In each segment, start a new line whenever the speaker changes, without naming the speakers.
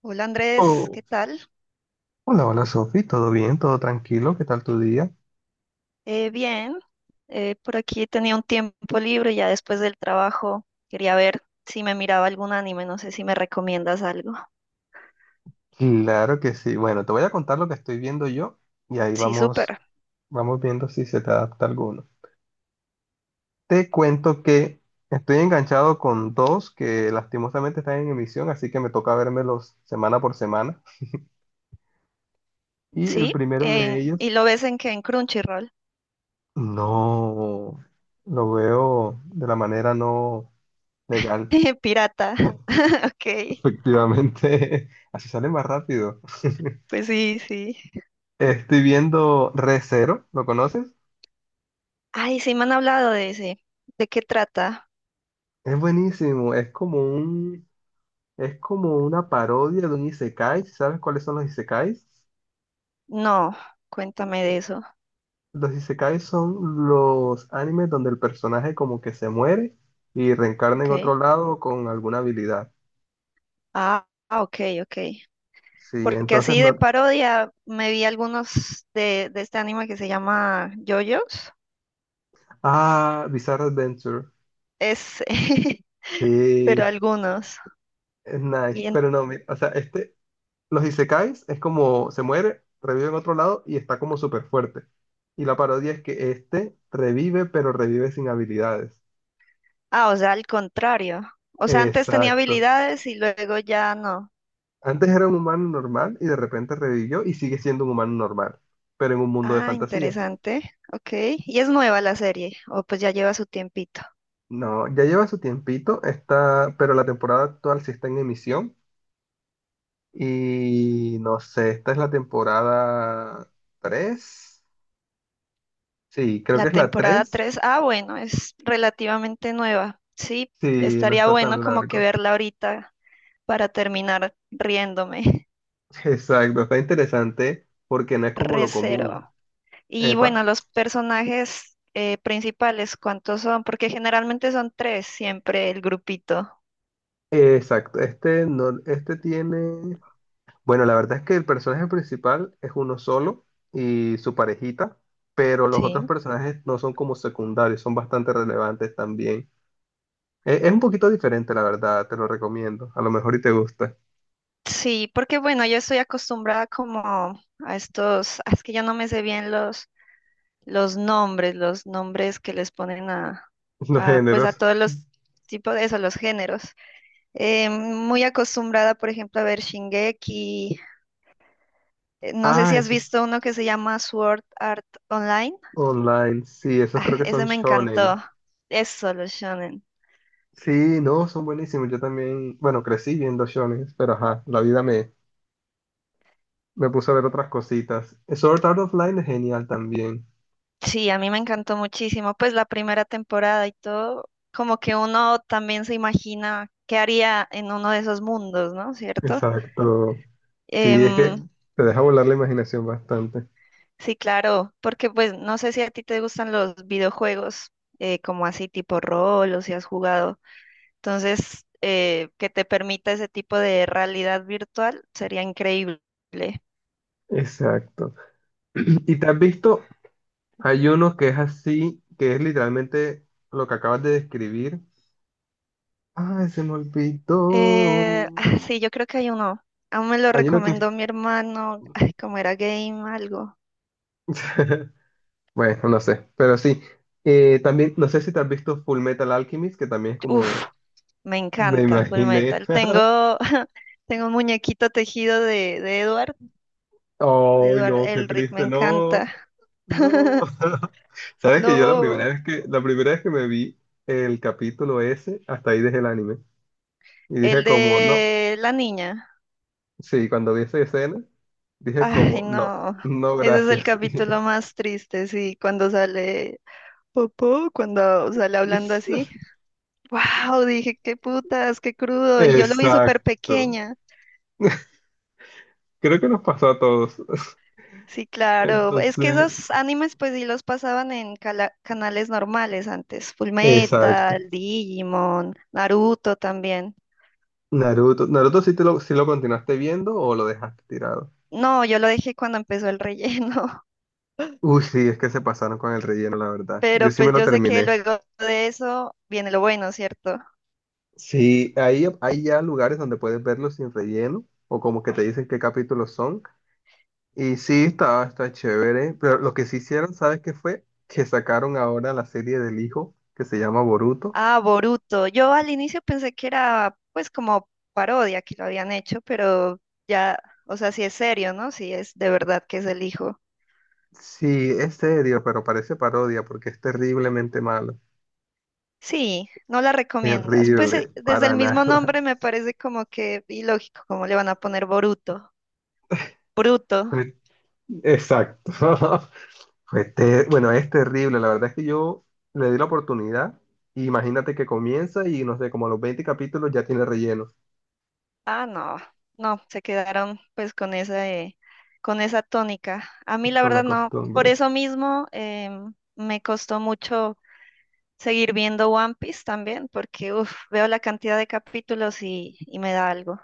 Hola Andrés,
Oh,
¿qué tal?
hola, hola Sofi, ¿todo bien? ¿Todo tranquilo? ¿Qué tal tu día?
Bien, por aquí tenía un tiempo libre ya después del trabajo. Quería ver si me miraba algún anime, no sé si me recomiendas algo.
Claro que sí. Bueno, te voy a contar lo que estoy viendo yo y ahí
Sí,
vamos,
súper.
vamos viendo si se te adapta alguno. Te cuento que estoy enganchado con dos que lastimosamente están en emisión, así que me toca vérmelos semana por semana. Y el
Sí,
primero de ellos,
¿y lo ves en qué? En Crunchyroll.
no, lo veo de la manera no legal.
Pirata, ok.
Efectivamente, así sale más rápido.
Pues sí, sí.
Estoy viendo Re:Zero, ¿lo conoces?
Ay, sí me han hablado de ese. ¿De qué trata?
Es buenísimo, es como un, es como una parodia de un isekai. ¿Sabes cuáles son los isekais?
No, cuéntame de eso.
Los isekais son los animes donde el personaje como que se muere y reencarna en
Ok.
otro lado con alguna habilidad.
Ok, ok.
Sí,
Porque
entonces
así de
no.
parodia me vi algunos de este anime que se llama JoJo's.
Ah, Bizarre Adventure.
Es, pero
Sí,
algunos.
es nice.
Y en-
Pero no, o sea, este, los isekais es como se muere, revive en otro lado y está como súper fuerte. Y la parodia es que este revive, pero revive sin habilidades.
ah, o sea, al contrario. O sea, antes tenía
Exacto.
habilidades y luego ya no.
Antes era un humano normal y de repente revivió y sigue siendo un humano normal, pero en un mundo de
Ah,
fantasía.
interesante. Ok. Y es nueva la serie. O pues ya lleva su tiempito.
No, ya lleva su tiempito, está, pero la temporada actual sí está en emisión. Y no sé, esta es la temporada tres. Sí, creo
La
que es la
temporada
tres.
tres, ah, bueno, es relativamente nueva. Sí,
Sí, no
estaría
está
bueno
tan
como que
largo.
verla ahorita para terminar riéndome.
Exacto, está interesante porque no es como lo común.
Recero. Y bueno,
Epa.
los personajes principales, ¿cuántos son? Porque generalmente son tres siempre el grupito.
Exacto, este, no, este tiene... Bueno, la verdad es que el personaje principal es uno solo y su parejita, pero los otros
Sí.
personajes no son como secundarios, son bastante relevantes también. Es, un poquito diferente, la verdad, te lo recomiendo. A lo mejor y te gusta
Sí, porque bueno, yo estoy acostumbrada como a estos, ah, es que yo no me sé bien los nombres que les ponen
los
a, pues a
géneros.
todos los tipos de eso, los géneros. Muy acostumbrada, por ejemplo, a ver Shingeki. No sé
Ah,
si has visto
esos
uno que se llama Sword Art Online.
online, sí, esos
Ah,
creo que son
ese me
shonen.
encantó. Es solo shonen.
Sí, no, son buenísimos. Yo también, bueno, crecí viendo shonen, pero ajá, la vida me puse a ver otras cositas. Sword Art Online es genial también.
Sí, a mí me encantó muchísimo, pues la primera temporada y todo, como que uno también se imagina qué haría en uno de esos mundos, ¿no? ¿Cierto?
Exacto. Sí, es que
Em,
te deja volar la imaginación bastante.
sí, claro, porque pues no sé si a ti te gustan los videojuegos, como así tipo rol o si has jugado, entonces que te permita ese tipo de realidad virtual sería increíble.
Exacto. Y te has visto, hay uno que es así, que es literalmente lo que acabas de describir. Ay, se me olvidó.
Sí, yo creo que hay uno, aún me lo
Hay uno que...
recomendó mi hermano, ay, como era game, algo.
Bueno, no sé, pero sí. También, no sé si te has visto Full Metal Alchemist, que también es como...
Uf, me
Me
encanta Full
imaginé.
Metal. Tengo, tengo un muñequito tejido de
Ay,
Edward
no, qué
Elric, me
triste, no.
encanta.
No. Sabes que yo
No,
la primera vez que me vi el capítulo ese, hasta ahí dejé el anime. Y dije
el
como, no.
de la niña.
Sí, cuando vi esa escena, dije como,
Ay,
no,
no.
no,
Ese es el
gracias.
capítulo más triste, sí, cuando sale Popó, cuando sale hablando así. Wow, dije, qué putas, qué crudo. Y yo lo vi súper
Exacto.
pequeña.
Creo que nos pasó a todos.
Sí, claro. Es que
Entonces,
esos animes, pues sí los pasaban en canales normales antes.
exacto.
Fullmetal, Digimon, Naruto también.
Naruto, sí lo continuaste viendo o lo dejaste tirado.
No, yo lo dejé cuando empezó el relleno.
Uy, sí, es que se pasaron con el relleno, la verdad. Yo
Pero
sí me
pues
lo
yo sé que
terminé.
luego de eso viene lo bueno, ¿cierto?
Sí, ahí hay ya lugares donde puedes verlos sin relleno o como que te dicen qué capítulos son. Y sí, está chévere. Pero lo que sí hicieron, ¿sabes qué fue? Que sacaron ahora la serie del hijo que se llama Boruto.
Ah, Boruto. Yo al inicio pensé que era pues como parodia que lo habían hecho, pero ya, o sea, sí es serio, ¿no? Sí es de verdad que es el hijo.
Sí, es serio, pero parece parodia porque es terriblemente malo.
Sí, no la recomiendas. Pues
Terrible,
desde el
para
mismo
nada.
nombre me parece como que ilógico, como le van a poner Boruto. Bruto.
Exacto. Bueno, es terrible. La verdad es que yo le di la oportunidad. Y imagínate que comienza y no sé, como a los 20 capítulos ya tiene relleno
Ah, no, no, se quedaron pues con esa tónica. A mí la
con la
verdad no, por
costumbre.
eso mismo, me costó mucho seguir viendo One Piece también, porque uf, veo la cantidad de capítulos y me da algo.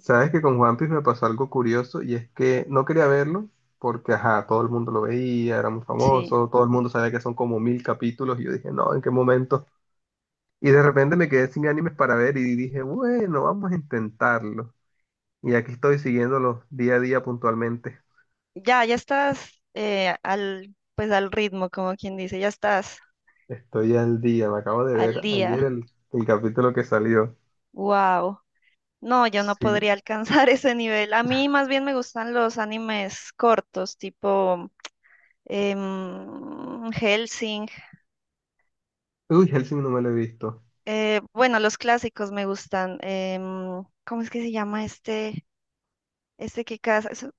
Sabes que con One Piece me pasó algo curioso y es que no quería verlo porque, ajá, todo el mundo lo veía, era muy
Sí,
famoso, todo el mundo sabía que son como mil capítulos y yo dije, no, ¿en qué momento? Y de repente me quedé sin animes para ver y dije, bueno, vamos a intentarlo. Y aquí estoy siguiéndolo día a día puntualmente.
ya estás al, pues al ritmo, como quien dice, ya estás
Estoy al día, me acabo de
al
ver ayer
día.
el capítulo que salió.
Wow. No, yo no
Sí.
podría alcanzar ese nivel. A mí más bien me gustan los animes cortos, tipo Hellsing.
Uy, Hellsing no me lo he visto.
Bueno, los clásicos me gustan. ¿Cómo es que se llama este? Este que casa, son,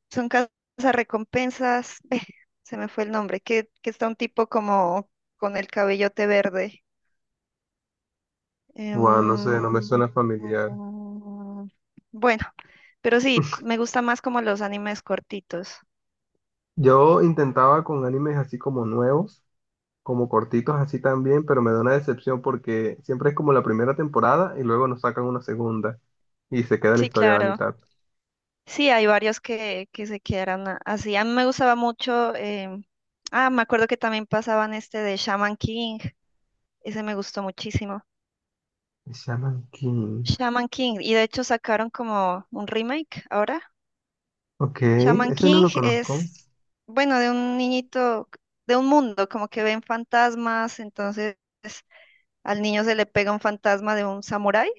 son recompensas. Se me fue el nombre. Que está un tipo como con el cabellote verde.
Bueno, no
Em,
sé, no me suena familiar.
mm, bueno, pero sí, me gusta más como los animes cortitos.
Yo intentaba con animes así como nuevos, como cortitos así también, pero me da una decepción porque siempre es como la primera temporada y luego nos sacan una segunda y se queda la
Sí,
historia a la
claro.
mitad.
Sí, hay varios que se quedaron así. A mí me gustaba mucho. Me acuerdo que también pasaban este de Shaman King. Ese me gustó muchísimo.
Shaman King.
Shaman King. Y de hecho sacaron como un remake ahora.
Ok,
Shaman
ese no
King
lo conozco.
es, bueno, de un niñito, de un mundo, como que ven fantasmas. Entonces al niño se le pega un fantasma de un samurái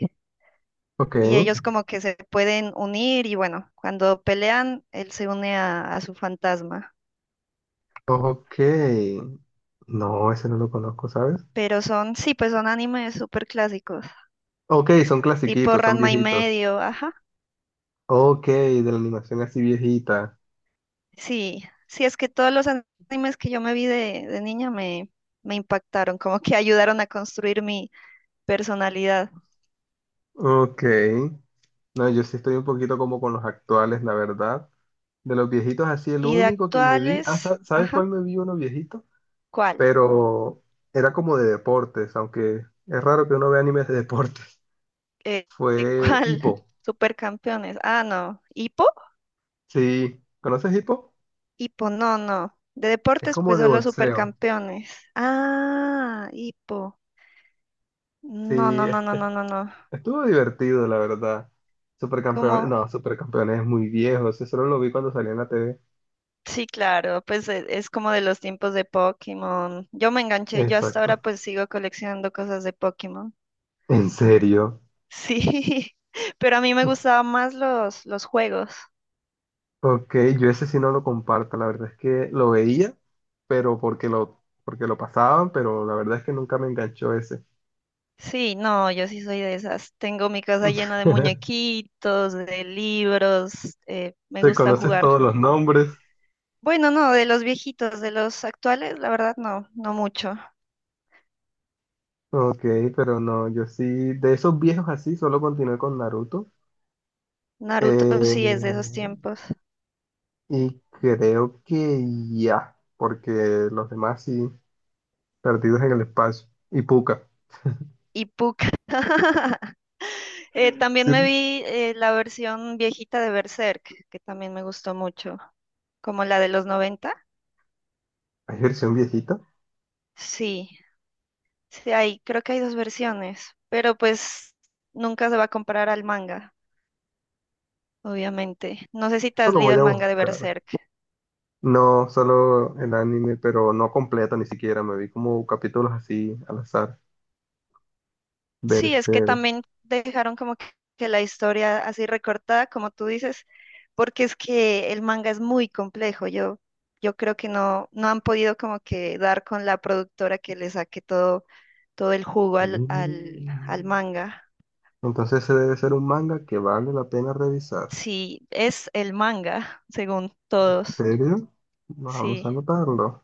Ok,
y ellos como que se pueden unir. Y bueno, cuando pelean, él se une a su fantasma.
ok. No, ese no lo conozco, ¿sabes?
Pero son, sí, pues son animes súper clásicos,
Ok, son
tipo
clasiquitos, son
Ranma y
viejitos.
medio, ajá.
Ok, de la animación así viejita.
Sí, sí, es que todos los animes que yo me vi de niña me impactaron, como que ayudaron a construir mi personalidad.
Ok. No, yo sí estoy un poquito como con los actuales, la verdad. De los viejitos así, el
Y de
único que me vi, ah,
actuales,
¿sabes
ajá,
cuál me vi uno viejito?
¿cuál?
Pero era como de deportes, aunque es raro que uno vea animes de deportes.
Eh,
Fue
¿Cuál?
Hippo.
Supercampeones. Ah, no, ¿Hipo?
Sí, ¿conoces Hippo?
Hipo, no, no. De
Es
deportes,
como
pues
de
solo
boxeo.
supercampeones. Ah, Hipo. No,
Sí,
no, no, no, no, no, no.
estuvo divertido, la verdad. Supercampeones,
Como
no, Supercampeones es muy viejo, ese solo lo vi cuando salía en la TV.
sí, claro, pues es como de los tiempos de Pokémon. Yo me enganché, yo hasta ahora
Exacto.
pues sigo coleccionando cosas de Pokémon.
¿En serio?
Sí, pero a mí me gustaban más los juegos.
Ok, yo ese sí no lo comparto, la verdad es que lo veía, pero porque lo pasaban, pero la verdad es que nunca me enganchó ese.
Sí, no, yo sí soy de esas. Tengo mi casa llena de muñequitos, de libros, me
Te
gusta
conoces
jugar.
todos los nombres.
Bueno, no, de los viejitos, de los actuales, la verdad no, no mucho.
Ok, pero no, yo sí, de esos viejos así, solo continué con Naruto.
Naruto sí es de esos
Eh,
tiempos.
y creo que ya, porque los demás sí, perdidos en el espacio. Y Puka.
Y Puck. También me
Sí.
vi la versión viejita de Berserk, que también me gustó mucho, como la de los noventa.
¿Hay versión viejita?
Sí, sí hay, creo que hay dos versiones, pero pues nunca se va a comparar al manga, obviamente. No sé si te
Eso
has
lo
leído
voy
el
a
manga de
buscar.
Berserk.
No, solo el anime, pero no completo ni siquiera. Me vi como capítulos así al azar.
Sí, es que
Berserk.
también dejaron como que la historia así recortada, como tú dices, porque es que el manga es muy complejo. Yo creo que no, no han podido como que dar con la productora que le saque todo, todo el jugo al
Mm.
manga.
Entonces ese debe ser un manga que vale la pena revisar.
Sí, es el manga, según
¿En
todos.
serio? Vamos a
Sí.
anotarlo.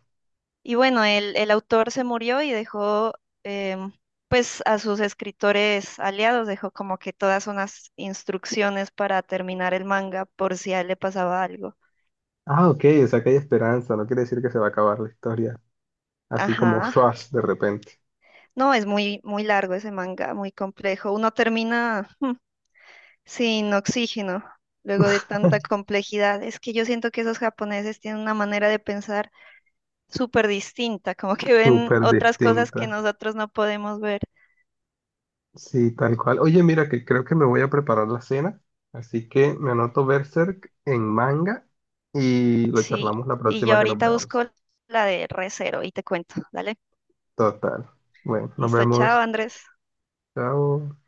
Y bueno, el autor se murió y dejó, em, pues, a sus escritores aliados, dejó como que todas unas instrucciones para terminar el manga por si a él le pasaba algo.
Ah, ok, o sea que hay esperanza, no quiere decir que se va a acabar la historia, así como
Ajá.
Swash de repente,
No, es muy, muy largo ese manga, muy complejo. Uno termina sin oxígeno luego de tanta complejidad. Es que yo siento que esos japoneses tienen una manera de pensar súper distinta, como que ven
súper
otras cosas que
distinta.
nosotros no podemos ver.
Sí, tal cual. Oye, mira que creo que me voy a preparar la cena, así que me anoto Berserk en manga y lo
Sí,
charlamos la
y yo
próxima que nos
ahorita
veamos.
busco la de Recero y te cuento. Dale.
Total. Bueno, nos
Listo, chao,
vemos.
Andrés.
Chao.